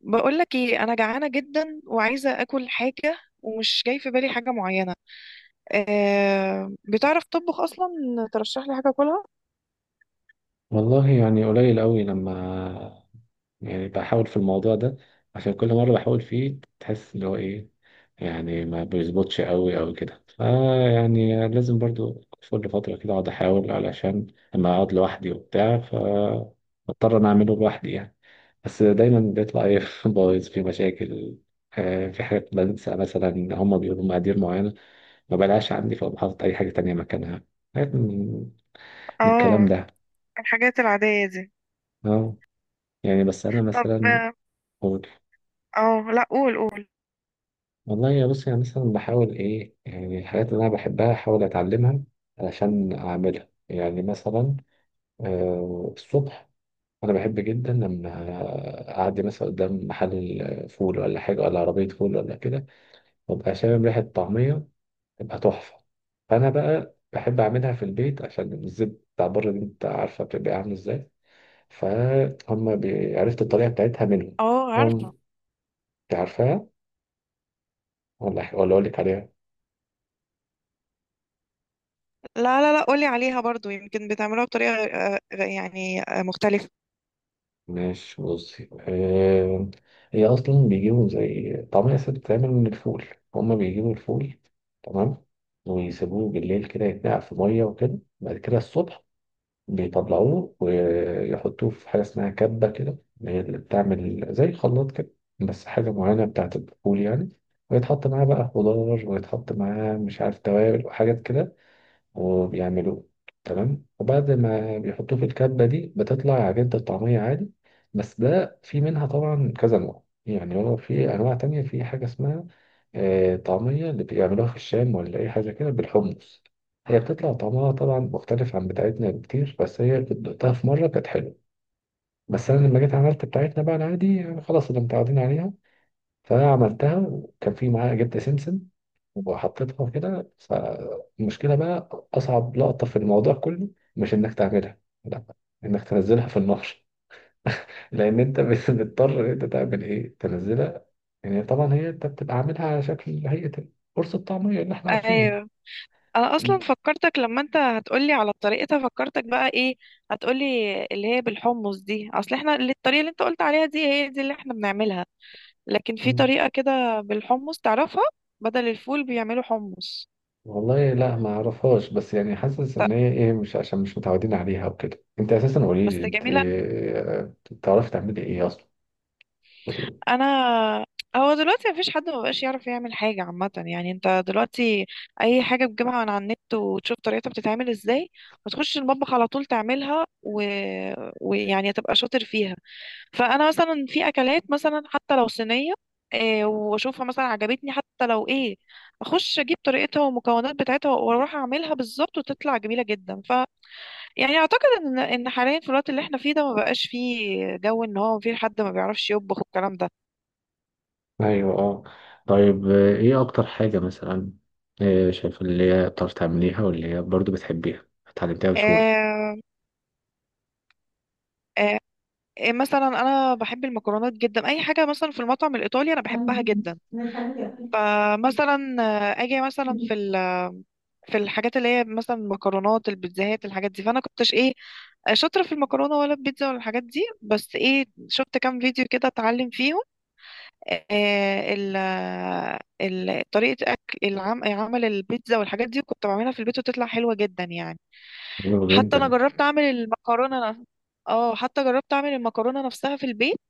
بقولك ايه، انا جعانه جدا وعايزه اكل حاجه، ومش جاي في بالي حاجه معينه. أه، بتعرف تطبخ اصلا؟ ترشح لي حاجه اكلها. والله يعني قليل قوي لما بحاول في الموضوع ده، عشان كل مرة بحاول فيه تحس اللي هو ايه، يعني ما بيظبطش قوي او كده، فيعني لازم برضو كل فترة كده اقعد احاول، علشان لما اقعد لوحدي وبتاع فاضطر انا اعمله لوحدي يعني. بس دايما بيطلع ايه بايظ، في مشاكل. في حاجات بنسى، مثلا هما بيقولوا مقادير معينة ما بلاقيهاش عندي، فبحط اي حاجة تانية مكانها. حاجات من الكلام اه. ده. الحاجات العادية دي. اه، يعني بس أنا طب، مثلا اه. أقول، آه، لا، قول قول. والله يا بص يعني مثلا بحاول إيه، يعني الحاجات اللي أنا بحبها أحاول أتعلمها علشان أعملها، يعني مثلا الصبح أنا بحب جدا لما أعدي مثلا قدام محل فول ولا حاجة، ولا عربية فول ولا كده، وأبقى شامم ريحة طعمية تبقى تحفة. فأنا بقى بحب أعملها في البيت، عشان الزيت بتاع بره دي أنت عارفة بتبقى عامل إزاي. فهم عرفت الطريقة بتاعتها منهم. اه، عارفه. إنهم- أنت عارفاها ولا أقول لك عليها؟ لا لا لا، قولي عليها برضو، يمكن بتعملوها بطريقه يعني مختلفه. ماشي بصي. هي أصلا بيجيبوا زي طعمية ست، بتتعمل من الفول، هما بيجيبوا الفول تمام، ويسيبوه بالليل كده يتنقع في مية وكده. بعد كده الصبح بيطلعوه ويحطوه في حاجة اسمها كبة كده، هي اللي بتعمل زي خلاط كده، بس حاجة معينة بتاعت الفول يعني. ويتحط معاه بقى خضار، ويتحط معاه مش عارف توابل وحاجات كده، وبيعملوه. تمام، وبعد ما بيحطوه في الكبة دي بتطلع عجينة الطعمية عادي. بس ده في منها طبعا كذا نوع، يعني هو في أنواع تانية، في حاجة اسمها طعمية اللي بيعملوها في الشام ولا أي حاجة كده بالحمص. هي بتطلع طعمها طبعا مختلف عن بتاعتنا بكتير، بس هي كنت دقتها في مرة كانت حلوة. بس أنا لما جيت عملت بتاعتنا بقى العادي، يعني خلاص اللي متعودين عليها. فعملتها وكان في معاها جبت سمسم، وحطيتها كده. فالمشكلة بقى أصعب لقطة في الموضوع كله مش إنك تعملها، لا، إنك تنزلها في النقش. لأن أنت بتضطر إن أنت تعمل إيه، تنزلها. يعني طبعا هي أنت بتبقى عاملها على شكل هيئة قرص الطعمية اللي إحنا عارفينها. ايوه. انا اصلا فكرتك لما انت هتقولي على طريقتها، فكرتك بقى ايه هتقولي؟ اللي هي بالحمص دي. اصل احنا الطريقه اللي انت قلت عليها دي هي دي اللي احنا بنعملها، لكن في م. طريقة كده بالحمص، تعرفها؟ بدل الفول بيعملوا حمص. والله لا ما أعرفهاش، بس يعني حاسس إن ط- هي إيه، مش عشان مش متعودين عليها وكده. أنت أساسا قولي بس لي أنت جميلة. بتعرفي تعملي إيه أصلا؟ أنا، هو دلوقتي مفيش حد مبقاش يعرف يعمل حاجة، عامة يعني انت دلوقتي أي حاجة بتجيبها من على النت وتشوف طريقتها بتتعمل ازاي وتخش المطبخ على طول تعملها ويعني تبقى شاطر فيها. فأنا مثلا في أكلات، مثلا حتى لو صينية، إيه واشوفها مثلا عجبتني، حتى لو ايه اخش اجيب طريقتها والمكونات بتاعتها واروح اعملها بالظبط وتطلع جميله جدا. يعني اعتقد ان حاليا في الوقت اللي احنا فيه ده ما بقاش فيه جو ان هو في حد ما بيعرفش يطبخ والكلام ده. ايوه اه. طيب، ايه اكتر حاجة مثلا شايف اللي هي بتعرف تعمليها، واللي هي برضو بتحبيها اتعلمتيها بسهولة؟ آه. آه. مثلا انا بحب المكرونات جدا، اي حاجه مثلا في المطعم الايطالي انا بحبها حلو جدا. فمثلا اجي مثلا في الحاجات اللي هي مثلا المكرونات، البيتزاهات، الحاجات دي، فانا كنتش ايه شاطره في المكرونه ولا البيتزا ولا الحاجات دي، بس ايه شفت كام فيديو كده اتعلم فيهم آه، ال ال طريقة أكل عمل البيتزا والحاجات دي كنت بعملها في البيت وتطلع حلوة جدا يعني. حتى أنا جدا. جربت أعمل المكرونة. حتى جربت أعمل المكرونة نفسها في البيت.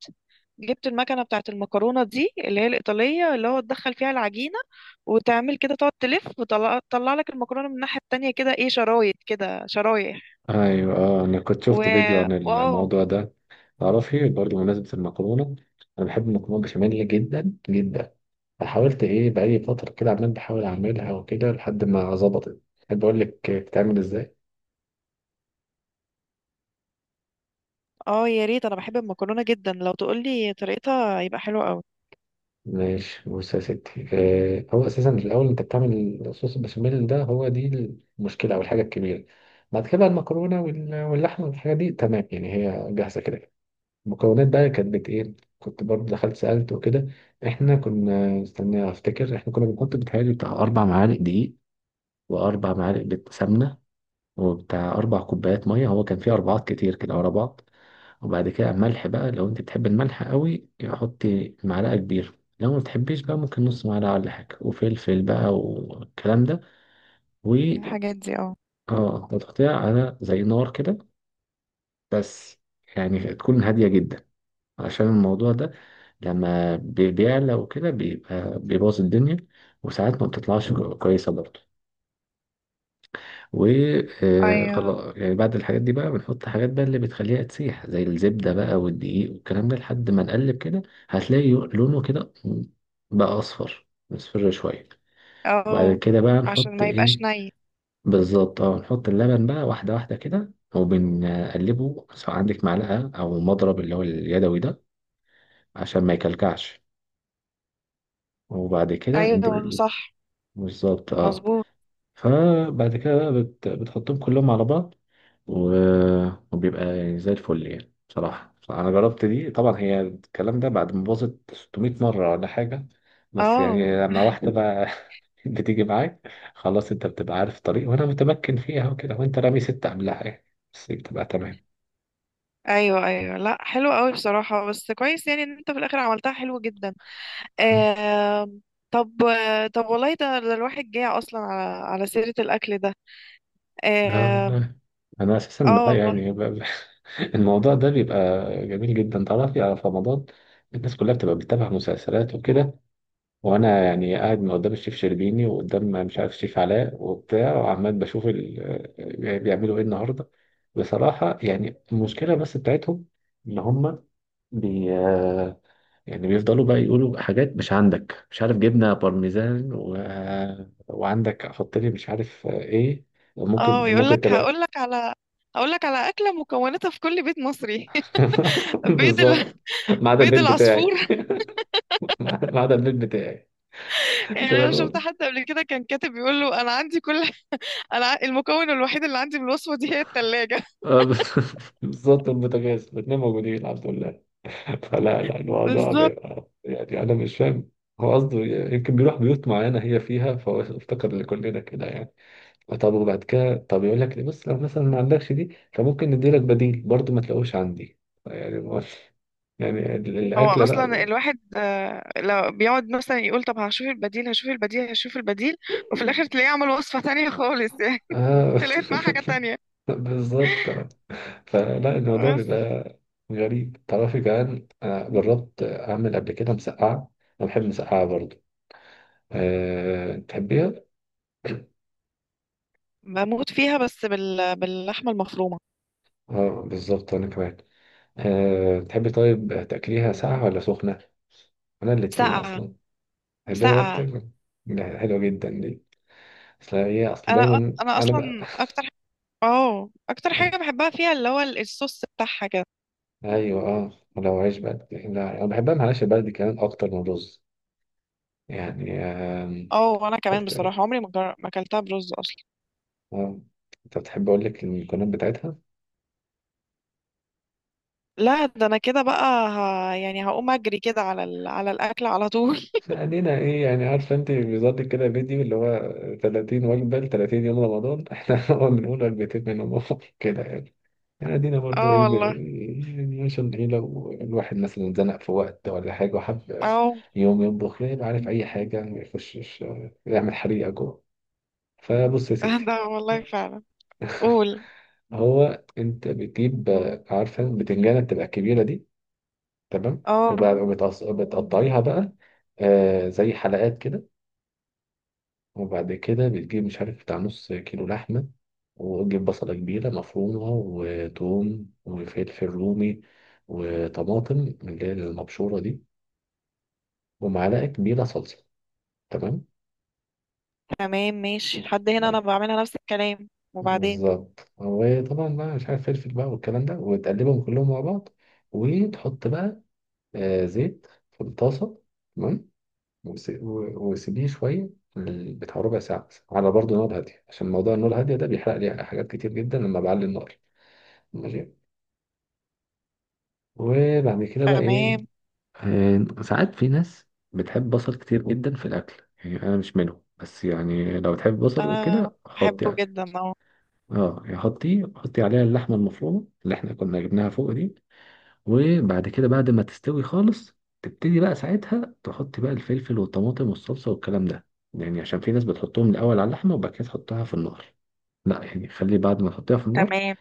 جبت المكنة بتاعة المكرونة دي اللي هي الإيطالية، اللي هو تدخل فيها العجينة وتعمل كده، تقعد تلف وتطلع لك المكرونة من الناحية التانية، كده ايه، شرايط كده، شرايح. ايوه اه، انا كنت و شفت فيديو عن واو. الموضوع ده. تعرفي برضو بمناسبة المكرونة، انا بحب المكرونة بشاميل جدا جدا. فحاولت ايه، بقالي فترة كده عمال بحاول اعملها وكده لحد ما ظبطت. احب اقول لك بتتعمل ازاي؟ اه يا ريت، انا بحب المكرونة جدا، لو تقولي طريقتها يبقى حلو قوي. ماشي بص يا ستي. هو اساسا الاول انت بتعمل صوص البشاميل ده، هو دي المشكله او الحاجه الكبيره. بعد كده بقى المكرونه واللحمه والحاجه دي تمام، يعني هي جاهزه كده. المكونات بقى كانت بت ايه؟ كنت برضه دخلت سالت وكده. احنا كنا استنى، افتكر احنا كنا بنحط بتهيألي بتاع 4 معالق دقيق، واربع معالق سمنه، وبتاع 4 كوبايات ميه. هو كان فيه اربعات كتير كده ورا بعض. وبعد كده ملح بقى، لو انت بتحب الملح قوي حطي معلقة كبيرة، لو ما بتحبيش بقى ممكن نص معلقة ولا حاجة، وفلفل بقى والكلام ده. و الحاجات دي اه. اه، هتحطيها على زي نار كده، بس يعني تكون هادية جدا، عشان الموضوع ده لما بيعلى وكده بيبقى بيبوظ الدنيا، وساعات ما بتطلعش كويسة برضه. ايوه وخلاص، يعني بعد الحاجات دي بقى بنحط حاجات بقى اللي بتخليها تسيح، زي الزبدة بقى والدقيق والكلام ده، لحد ما نقلب كده. هتلاقي لونه كده بقى أصفر، مصفر شوية. وبعد اه، كده بقى عشان نحط ما يبقاش إيه؟ ني. بالظبط اه، نحط اللبن بقى واحدة واحدة كده، وبنقلبه سواء عندك معلقة أو مضرب اللي هو اليدوي ده، عشان ما يكلكعش. وبعد كده انت ايوه صح، بالظبط اه. مظبوط. فبعد كده بقى بتحطهم كلهم على بعض، وبيبقى يعني زي الفل. يعني بصراحة أنا جربت دي طبعا، هي الكلام ده بعد ما باظت 600 مرة ولا حاجة. بس اه، يعني لما واحدة بقى بتيجي معاك خلاص، أنت بتبقى عارف الطريق وأنا متمكن فيها وكده، وأنت رامي ستة قبلها يعني، بس بتبقى تمام. ايوه ايوه، لا حلو قوي بصراحه، بس كويس يعني ان انت في الاخر عملتها حلو جدا. آم، طب طب والله، ده الواحد جاي اصلا على سيره الاكل ده. آم، والله أنا أساسا اه بقى والله. يعني الموضوع ده بيبقى جميل جدا. تعرفي على في رمضان الناس كلها بتبقى بتتابع مسلسلات وكده، وانا يعني قاعد من قدام الشيف شربيني وقدام مش عارف الشيف علاء وبتاع، وعمال بشوف ال... آه، يعني بيعملوا ايه النهارده. بصراحه يعني المشكله بس بتاعتهم ان هم بي آه، يعني بيفضلوا بقى يقولوا حاجات مش عندك، مش عارف جبنه بارميزان و... آه، وعندك حط لي مش عارف ايه. ممكن اه. يقول ممكن لك، تبقى هقول لك على اكله مكوناتها في كل بيت مصري. بيض بالظبط. ال... ما عدا بيض البيت العصفور. بتاعي ما عدا البيت بتاعي يعني تبقى انا شفت الأول. حد قبل كده كان كاتب بيقول له، انا عندي كل، انا المكون الوحيد اللي عندي من الوصفه دي هي الثلاجه. آه، بالظبط، البوتاجاز الاثنين موجودين الحمد لله. فلا لا الموضوع بالظبط. بيبقى، يعني أنا مش فاهم هو قصده، يمكن بيروح بيوت معينة هي فيها فهو افتكر لكلنا كده يعني. طب وبعد كده، طب يقول لك ليه بص، لو مثلا ما عندكش دي فممكن نديلك بديل، برضو ما تلاقوش عندي. يعني يعني هو الأكلة اصلا بقى الواحد لو بيقعد مثلا يقول طب هشوف البديل، هشوف البديل، هشوف البديل، وفي الاخر تلاقيه عمل وصفة تانية خالص يعني. آه. طلعت معاه حاجة تانية. بالظبط. فلا الموضوع بس بيبقى غريب. تعرفي كمان أنا جربت أعمل قبل كده مسقعة، أنا بحب مسقعة برضو. أه تحبيها؟ بموت فيها، بس باللحمة المفرومة. اه بالظبط أنا كمان. أه تحبي طيب تأكليها ساقعة ولا سخنة؟ أنا الاتنين ساقعة. أصلا. تحبيها برضه ساقعة. تاكل؟ لا، حلوة جدا دي. أصل هي، أصل انا دايما أنا اصلا بقى اكتر، اه اكتر حاجة بحبها فيها اللي هو الصوص بتاعها كده. أيوة أه، ولو عيش بقى لا أنا بحبها مع العيش البلدي كمان أكتر من الرز يعني آم، اه وانا كمان أكتر. بصراحة عمري ما اكلتها برز اصلا. أه، أنت بتحب أقول لك المكونات بتاعتها؟ لا، ده انا كده بقى يعني هقوم اجري كده على الاكل على طول. علينا ايه يعني عارفه انت، بيظبط كده فيديو اللي هو 30 وجبه ل 30 يوم رمضان احنا هو بنقول وجبتين منهم كده يعني. يعني ادينا برضو اه ايه والله. يعني عشان ايه، لو الواحد مثلا اتزنق في وقت ولا حاجه وحب اه. يوم يطبخ يبقى عارف اي حاجه ما يخشش يعمل حريقه جوه. فبص يا ستي، ده والله فعلا. قول. هو انت بتجيب عارفه البتنجانه بتبقى الكبيره دي، تمام، اه، وبتقطعيها بقى آه زي حلقات كده. وبعد كده بتجيب مش عارف بتاع نص كيلو لحمة، وتجيب بصلة كبيرة مفرومة وتوم وفلفل رومي، وطماطم اللي هي المبشورة دي، ومعلقة كبيرة صلصة. تمام. تمام ماشي لحد هنا، انا بعملها نفس الكلام وبعدين. بالظبط، وطبعا بقى مش عارف فلفل بقى والكلام ده، وتقلبهم كلهم مع بعض. وتحط بقى زيت في الطاسة، تمام. وسيبيه شوية، بتاع ربع ساعة مثلا، على برضه نار هادية، عشان موضوع النار الهادية ده بيحرق لي حاجات كتير جدا لما بعلي النار. ماشي. وبعد كده بقى ايه؟ تمام. ساعات في ناس بتحب بصل كتير جدا في الاكل، يعني انا مش منهم، بس يعني لو تحب بصل انا وكده حطي بحبه عليه. جدا اه. اه يعني حطي عليها اللحمه المفرومه اللي احنا كنا جبناها فوق دي. وبعد كده بعد ما تستوي خالص، تبتدي بقى ساعتها تحطي بقى الفلفل والطماطم والصلصه والكلام ده، يعني عشان في ناس بتحطهم الاول على اللحمه وبعد كده تحطها في النار. لا، يعني خلي بعد ما تحطيها في النار، تمام.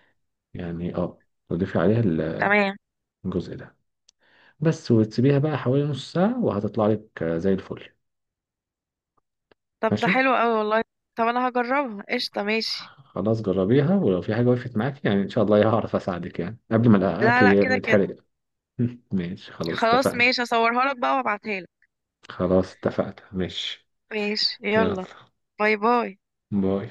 يعني اه، تضيفي عليها تمام. الجزء ده بس. وتسيبيها بقى حوالي نص ساعة، وهتطلع لك زي الفل. طب ده ماشي. حلو قوي والله. طب انا هجربها، قشطة ماشي. خلاص جربيها، ولو في حاجة وقفت معاك يعني إن شاء الله هعرف أساعدك، يعني قبل ما لا الأكل لا، كده كده. يتحرق. ماشي خلاص خلاص اتفقنا. ماشي، اصورها لك بقى وابعتها لك. خلاص اتفقنا ماشي. ماشي يلا، يلا. باي باي. باي.